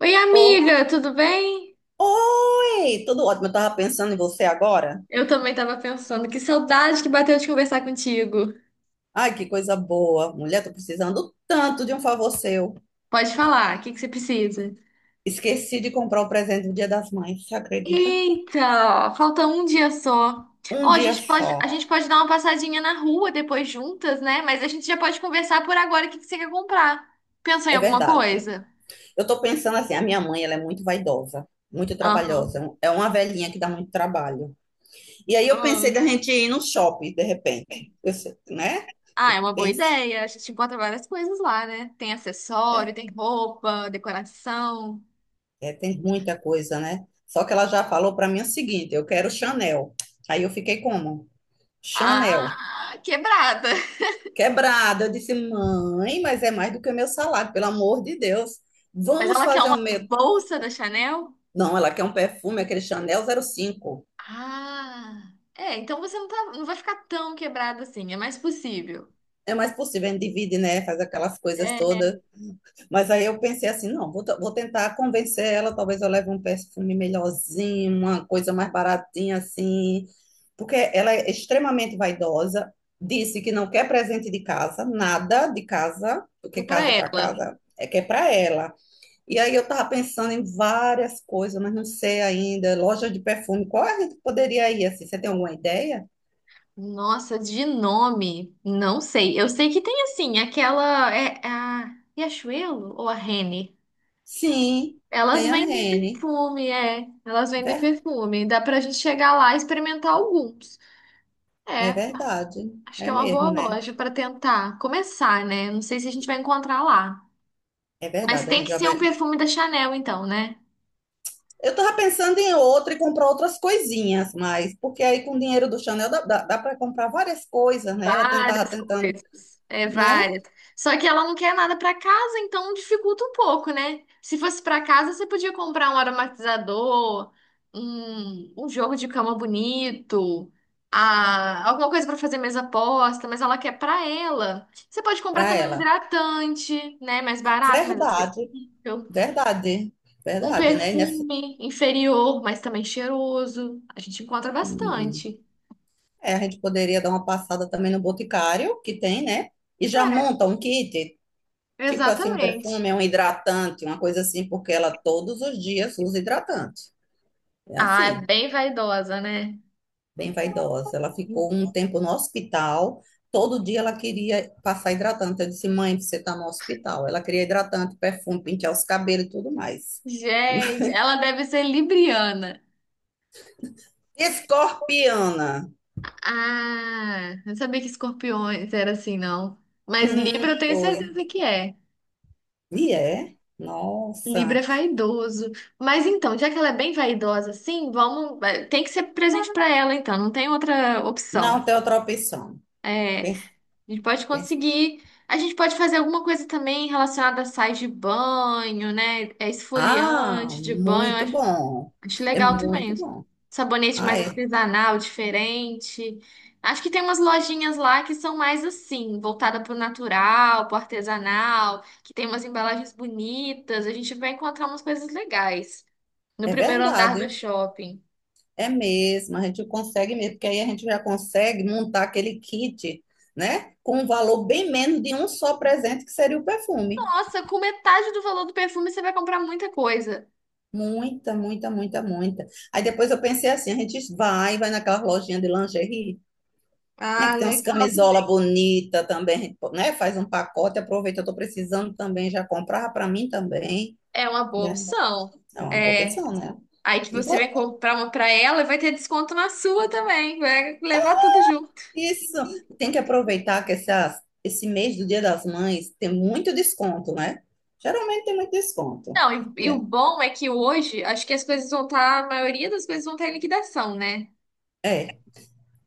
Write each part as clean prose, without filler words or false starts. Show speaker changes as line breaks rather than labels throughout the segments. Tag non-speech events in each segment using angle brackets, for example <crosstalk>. Oi,
Oh,
amiga, tudo bem?
oi! Tudo ótimo. Eu tava pensando em você agora.
Eu também tava pensando, que saudade que bateu de conversar contigo.
Ai, que coisa boa. Mulher, tô precisando tanto de um favor seu.
Pode falar, o que que você precisa?
Esqueci de comprar o presente do Dia das Mães, você acredita?
Eita, falta um dia só. Ó,
Um
a
dia
gente pode, a
só.
gente pode dar uma passadinha na rua depois juntas, né? Mas a gente já pode conversar por agora o que que você quer comprar. Pensou em
É
alguma
verdade.
coisa?
Eu tô pensando assim, a minha mãe, ela é muito vaidosa, muito
Aham.
trabalhosa. É uma velhinha que dá muito trabalho. E aí eu pensei
Hum.
da gente ir no shopping, de repente. Eu sei, né?
Ah, é uma boa
Penso.
ideia. A gente encontra várias coisas lá, né? Tem
É,
acessório, tem roupa, decoração.
é, tem muita coisa, né? Só que ela já falou pra mim o seguinte, eu quero Chanel. Aí eu fiquei como? Chanel,
Ah, quebrada.
quebrada. Eu disse, mãe, mas é mais do que o meu salário, pelo amor de Deus.
Mas
Vamos
ela quer
fazer
uma
um meu.
bolsa da Chanel?
Não, ela quer um perfume, aquele Chanel 05.
Ah, é, então você não, tá, não vai ficar tão quebrada assim, é mais possível.
É mais possível, a gente divide, né? Faz aquelas coisas
É,
todas. Mas aí eu pensei assim, não, vou tentar convencer ela, talvez eu leve um perfume melhorzinho, uma coisa mais baratinha assim. Porque ela é extremamente vaidosa, disse que não quer presente de casa, nada de casa,
é
porque
pra
casa é para
ela.
casa, é que é para ela. E aí eu estava pensando em várias coisas, mas não sei ainda. Loja de perfume, qual é a gente poderia ir assim? Você tem alguma ideia?
Nossa, de nome, não sei. Eu sei que tem assim, aquela é a Riachuelo ou a Renner?
Sim,
Elas
tem a
vendem
Rene.
perfume, é. Elas vendem
Ver-
perfume. Dá pra gente chegar lá e experimentar alguns.
É
É,
verdade.
acho que
É
é uma
mesmo,
boa
né?
loja pra tentar começar, né? Não sei se a gente vai encontrar lá.
É
Mas
verdade, a
tem
gente
que
já
ser um
vai.
perfume da Chanel, então, né?
Eu estava pensando em outra e comprar outras coisinhas, mas porque aí com o dinheiro do Chanel dá para comprar várias coisas, né? Eu tentava
Várias
tentando,
coisas. É,
né?
várias. Só que ela não quer nada pra casa, então dificulta um pouco, né? Se fosse pra casa, você podia comprar um aromatizador, um jogo de cama bonito, a, alguma coisa pra fazer mesa posta, mas ela quer pra ela. Você pode comprar
Para
também um
ela.
hidratante, né? Mais barato, mais
Verdade,
acessível.
verdade,
Um
verdade, né? E Nessa...
perfume inferior, mas também cheiroso. A gente encontra
Hum.
bastante.
É, a gente poderia dar uma passada também no Boticário, que tem, né? E já
É,
monta um kit, tipo assim, um
exatamente.
perfume, um hidratante, uma coisa assim, porque ela todos os dias usa hidratante. É
Ah, é
assim,
bem vaidosa, né?
bem vaidosa. Ela ficou um tempo no hospital, todo dia ela queria passar hidratante. Eu disse, mãe, você está no hospital. Ela queria hidratante, perfume, pentear os cabelos e tudo mais. <laughs>
Gente, ela deve ser libriana.
Escorpiana.
Ah, não sabia que escorpiões era assim, não. Mas Libra eu tenho
Foi.
certeza que é.
E é?
Libra
Nossa.
é vaidoso. Mas então, já que ela é bem vaidosa assim, Tem que ser presente pra ela, então, não tem outra
Não
opção.
tem outra opção.
É, a
Pense-
gente pode conseguir. A gente pode fazer alguma coisa também relacionada a sais de banho, né? É
Ah,
esfoliante de
muito
banho.
bom.
Acho
É
legal também.
muito bom.
Sabonete mais
Ah, é,
artesanal, diferente. Acho que tem umas lojinhas lá que são mais assim, voltada pro natural, pro artesanal, que tem umas embalagens bonitas. A gente vai encontrar umas coisas legais no
é
primeiro andar do
verdade.
shopping.
É mesmo. A gente consegue mesmo, porque aí a gente já consegue montar aquele kit, né? Com um valor bem menos de um só presente, que seria o perfume.
Nossa, com metade do valor do perfume você vai comprar muita coisa.
Muita, muita, muita, muita. Aí depois eu pensei assim, a gente vai naquela lojinha de lingerie, né?
Ah,
Que tem umas
legal.
camisola bonita também, a gente, né? Faz um pacote, aproveita, eu tô precisando também, já comprar para mim também.
É uma boa
Né?
opção.
É uma boa
É,
opção, né?
aí que
E
você vai
vo-
comprar uma pra ela e vai ter desconto na sua também. Vai levar tudo junto.
Isso, tem que aproveitar que esse mês do Dia das Mães tem muito desconto, né? Geralmente tem muito desconto.
Não, e
E
o
é,
bom é que hoje, acho que as coisas vão estar, a maioria das coisas vão estar em liquidação, né?
é.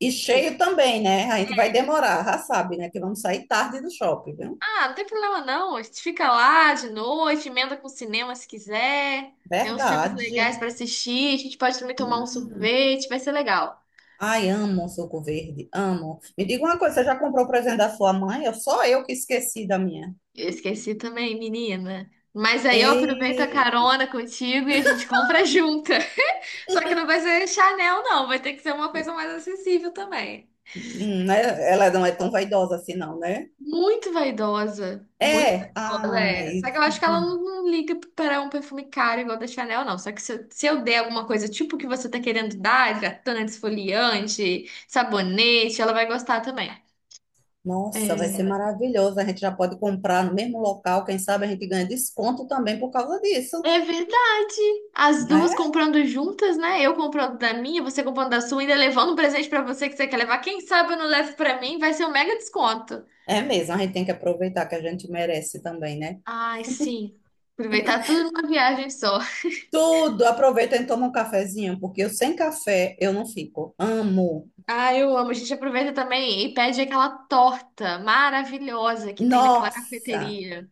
E
Tipo,
cheio também, né? A gente vai demorar, já sabe, né? Que vamos sair tarde do shopping, viu?
ah, não tem problema não, a gente fica lá de noite, emenda com o cinema se quiser, tem uns filmes legais
Verdade.
pra assistir, a gente pode também tomar um
Hum.
sorvete, vai ser legal.
Ai, amo suco verde, amo. Me diga uma coisa, você já comprou o presente da sua mãe? Eu só eu que esqueci da minha.
Eu esqueci também, menina. Mas aí eu aproveito a
Ei,
carona contigo e a gente compra junta. <laughs> Só que não vai ser Chanel, não, vai ter que ser uma coisa mais acessível também.
né? Ela não é tão vaidosa assim, não, né?
Muito
É,
vaidosa, é.
ai,
Só que eu acho que ela não liga para um perfume caro igual da Chanel, não. Só que se, eu se eu der alguma coisa tipo que você tá querendo dar, hidratante, esfoliante, sabonete, ela vai gostar também.
nossa, vai ser
É,
maravilhoso. A gente já pode comprar no mesmo local. Quem sabe a gente ganha desconto também por causa disso,
é verdade. As duas
né?
comprando juntas, né? Eu comprando da minha, você comprando da sua, ainda levando um presente pra você que você quer levar. Quem sabe eu não levo pra mim, vai ser um mega desconto.
É mesmo, a gente tem que aproveitar que a gente merece também, né?
Ai, sim. Aproveitar tudo numa viagem só.
Tudo, aproveita e toma um cafezinho, porque eu sem café eu não fico. Amo.
Ah, eu amo. A gente aproveita também e pede aquela torta maravilhosa que tem naquela
Nossa,
cafeteria.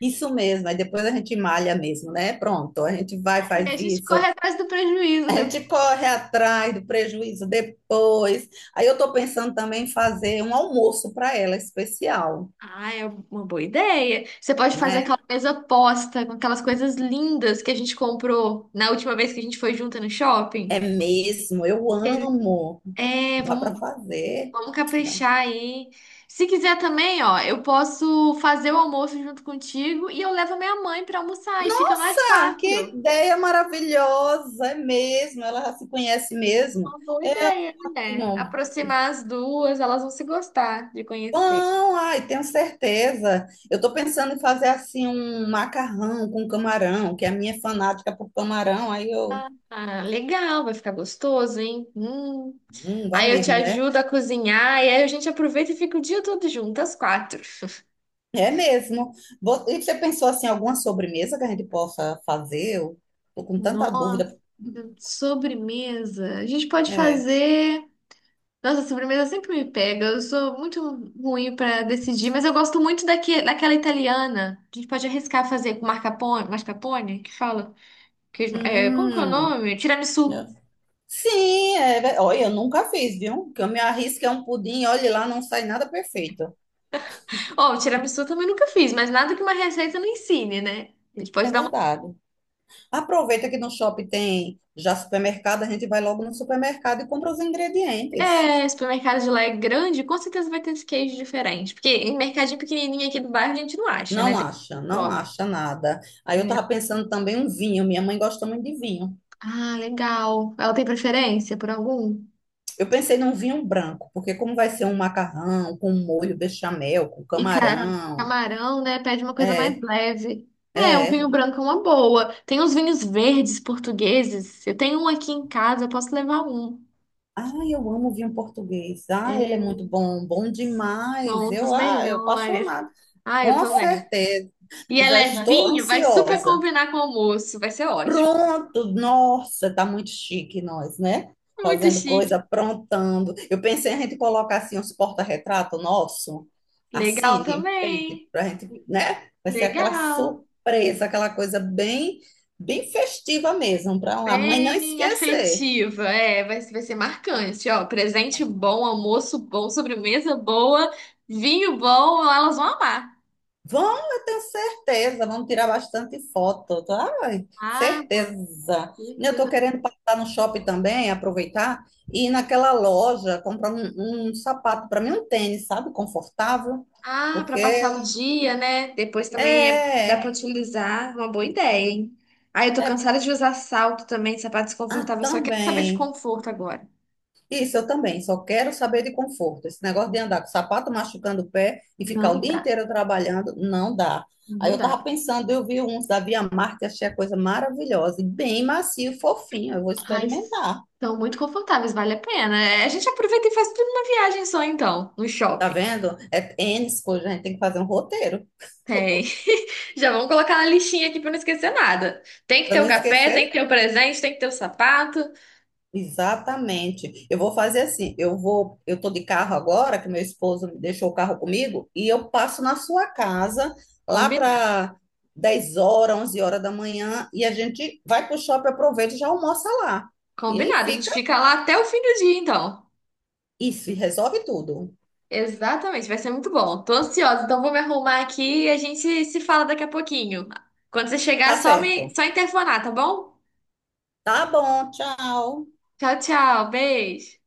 isso mesmo. Aí depois a gente malha mesmo, né? Pronto, a gente vai,
É,
faz
a gente
isso.
corre atrás do prejuízo
A gente
depois.
corre atrás do prejuízo depois. Aí eu tô pensando também em fazer um almoço para ela especial.
Ah, é uma boa ideia. Você pode fazer
Né?
aquela mesa posta com aquelas coisas lindas que a gente comprou na última vez que a gente foi junta no shopping.
É mesmo, eu
Ele-
amo.
É,
Dá para
vamos,
fazer.
vamos
Dá-
caprichar aí. Se quiser também, ó, eu posso fazer o almoço junto contigo e eu levo a minha mãe pra almoçar e fica nós
Nossa, que
quatro.
ideia maravilhosa, é mesmo. Ela já se conhece mesmo.
Uma boa
É
ideia, né?
ótimo.
Aproximar as duas, elas vão se gostar de conhecer.
Bom, ai, tenho certeza. Eu estou pensando em fazer assim um macarrão com camarão, que a minha é fanática por camarão, aí eu,
Ah, legal, vai ficar gostoso, hein? Hum.
vai
Aí eu te
mesmo, né?
ajudo a cozinhar e aí a gente aproveita e fica o dia todo junto, às quatro. <laughs>
É mesmo. E você pensou assim, alguma sobremesa que a gente possa fazer? Eu tô com tanta
Nossa,
dúvida.
sobremesa. A gente pode
É.
fazer. Nossa, sobremesa sempre me pega. Eu sou muito ruim para decidir, mas eu gosto muito daquela italiana. A gente pode arriscar fazer com mascarpone, que fala? Como que é o
Hum.
nome? Tiramisu.
Sim, é, olha, eu nunca fiz, viu? Que eu me arrisco é um pudim, olha lá, não sai nada perfeito.
Ó, o tiramisu eu também nunca fiz, mas nada que uma receita não ensine, né? A gente
É
pode dar uma.
verdade. Aproveita que no shopping tem já supermercado, a gente vai logo no supermercado e compra os ingredientes.
É, supermercado de lá é grande, com certeza vai ter esse queijo diferente. Porque em mercadinho pequenininho aqui do bairro a gente não acha, né?
Não
Tem
acha, não
shopping.
acha nada. Aí eu
Hum.
tava pensando também um vinho, minha mãe gosta muito de vinho.
Ah, legal. Ela tem preferência por algum?
Eu pensei num vinho branco, porque como vai ser um macarrão com molho bechamel, com
E cara,
camarão,
camarão, né? Pede uma coisa mais
é,
leve. É, um vinho
é,
branco é uma boa. Tem uns vinhos verdes portugueses. Eu tenho um aqui em casa, eu posso levar um.
ah, eu amo vinho português. Ah, ele é muito bom, bom
São
demais.
um dos
Eu
melhores.
apaixonada.
Ah, eu
Com
tô vendo.
certeza.
E é
Já estou
levinho, vai super
ansiosa.
combinar com o almoço. Vai ser ótimo.
Pronto, nossa, tá muito chique nós, né?
Muito
Fazendo coisa,
chique.
aprontando. Eu pensei a gente colocar assim uns porta-retrato nosso,
Legal
assim, de enfeite,
também.
pra gente, né? Vai ser aquela
Legal.
surpresa, aquela coisa bem, bem festiva mesmo, para a mãe não
Bem
esquecer.
afetiva. É, vai ser marcante. Ó, presente bom, almoço bom, sobremesa boa, vinho bom, elas vão amar.
Vão, eu tenho certeza, vamos tirar bastante foto, tá? Ai,
Ah, bom.
certeza. Eu estou
Certeza.
querendo passar no shopping também, aproveitar e ir naquela loja comprar um sapato para mim, um tênis, sabe, confortável,
Ah, para
porque
passar o dia, né? Depois também dá para
é,
utilizar. Uma boa ideia, hein? Ah, eu tô
é,
cansada de usar salto também, sapato
ah,
desconfortável. Só quero saber de
também.
conforto agora.
Isso, eu também, só quero saber de conforto. Esse negócio de andar com o sapato machucando o pé e ficar o
Não
dia
dá.
inteiro trabalhando, não dá. Aí
Não
eu
dá.
tava pensando, eu vi uns da Via Marte, achei a coisa maravilhosa, e bem macio, fofinho, eu vou
Ai,
experimentar.
são muito confortáveis, vale a pena. É, a gente aproveita e faz tudo numa viagem só, então, no
Tá
shopping.
vendo? É tênis, coisa, a gente tem que fazer um roteiro
Tem. <laughs> Já vamos colocar na listinha aqui pra não esquecer nada. Tem que
para
ter
não
o café, tem que
esquecer.
ter o presente, tem que ter o sapato.
Exatamente. Eu vou fazer assim, eu tô de carro agora, que meu esposo deixou o carro comigo, e eu passo na sua casa lá
Combinado.
para 10 horas, 11 horas da manhã, e a gente vai pro shopping, aproveita e já almoça lá. E aí
Combinado. A gente
fica
fica lá até o fim do dia, então.
isso, e resolve tudo.
Exatamente, vai ser muito bom. Tô ansiosa, então vou me arrumar aqui e a gente se fala daqui a pouquinho. Quando você chegar,
Tá
só me,
certo.
só interfonar, tá bom?
Tá bom, tchau.
Tchau, tchau. Beijo.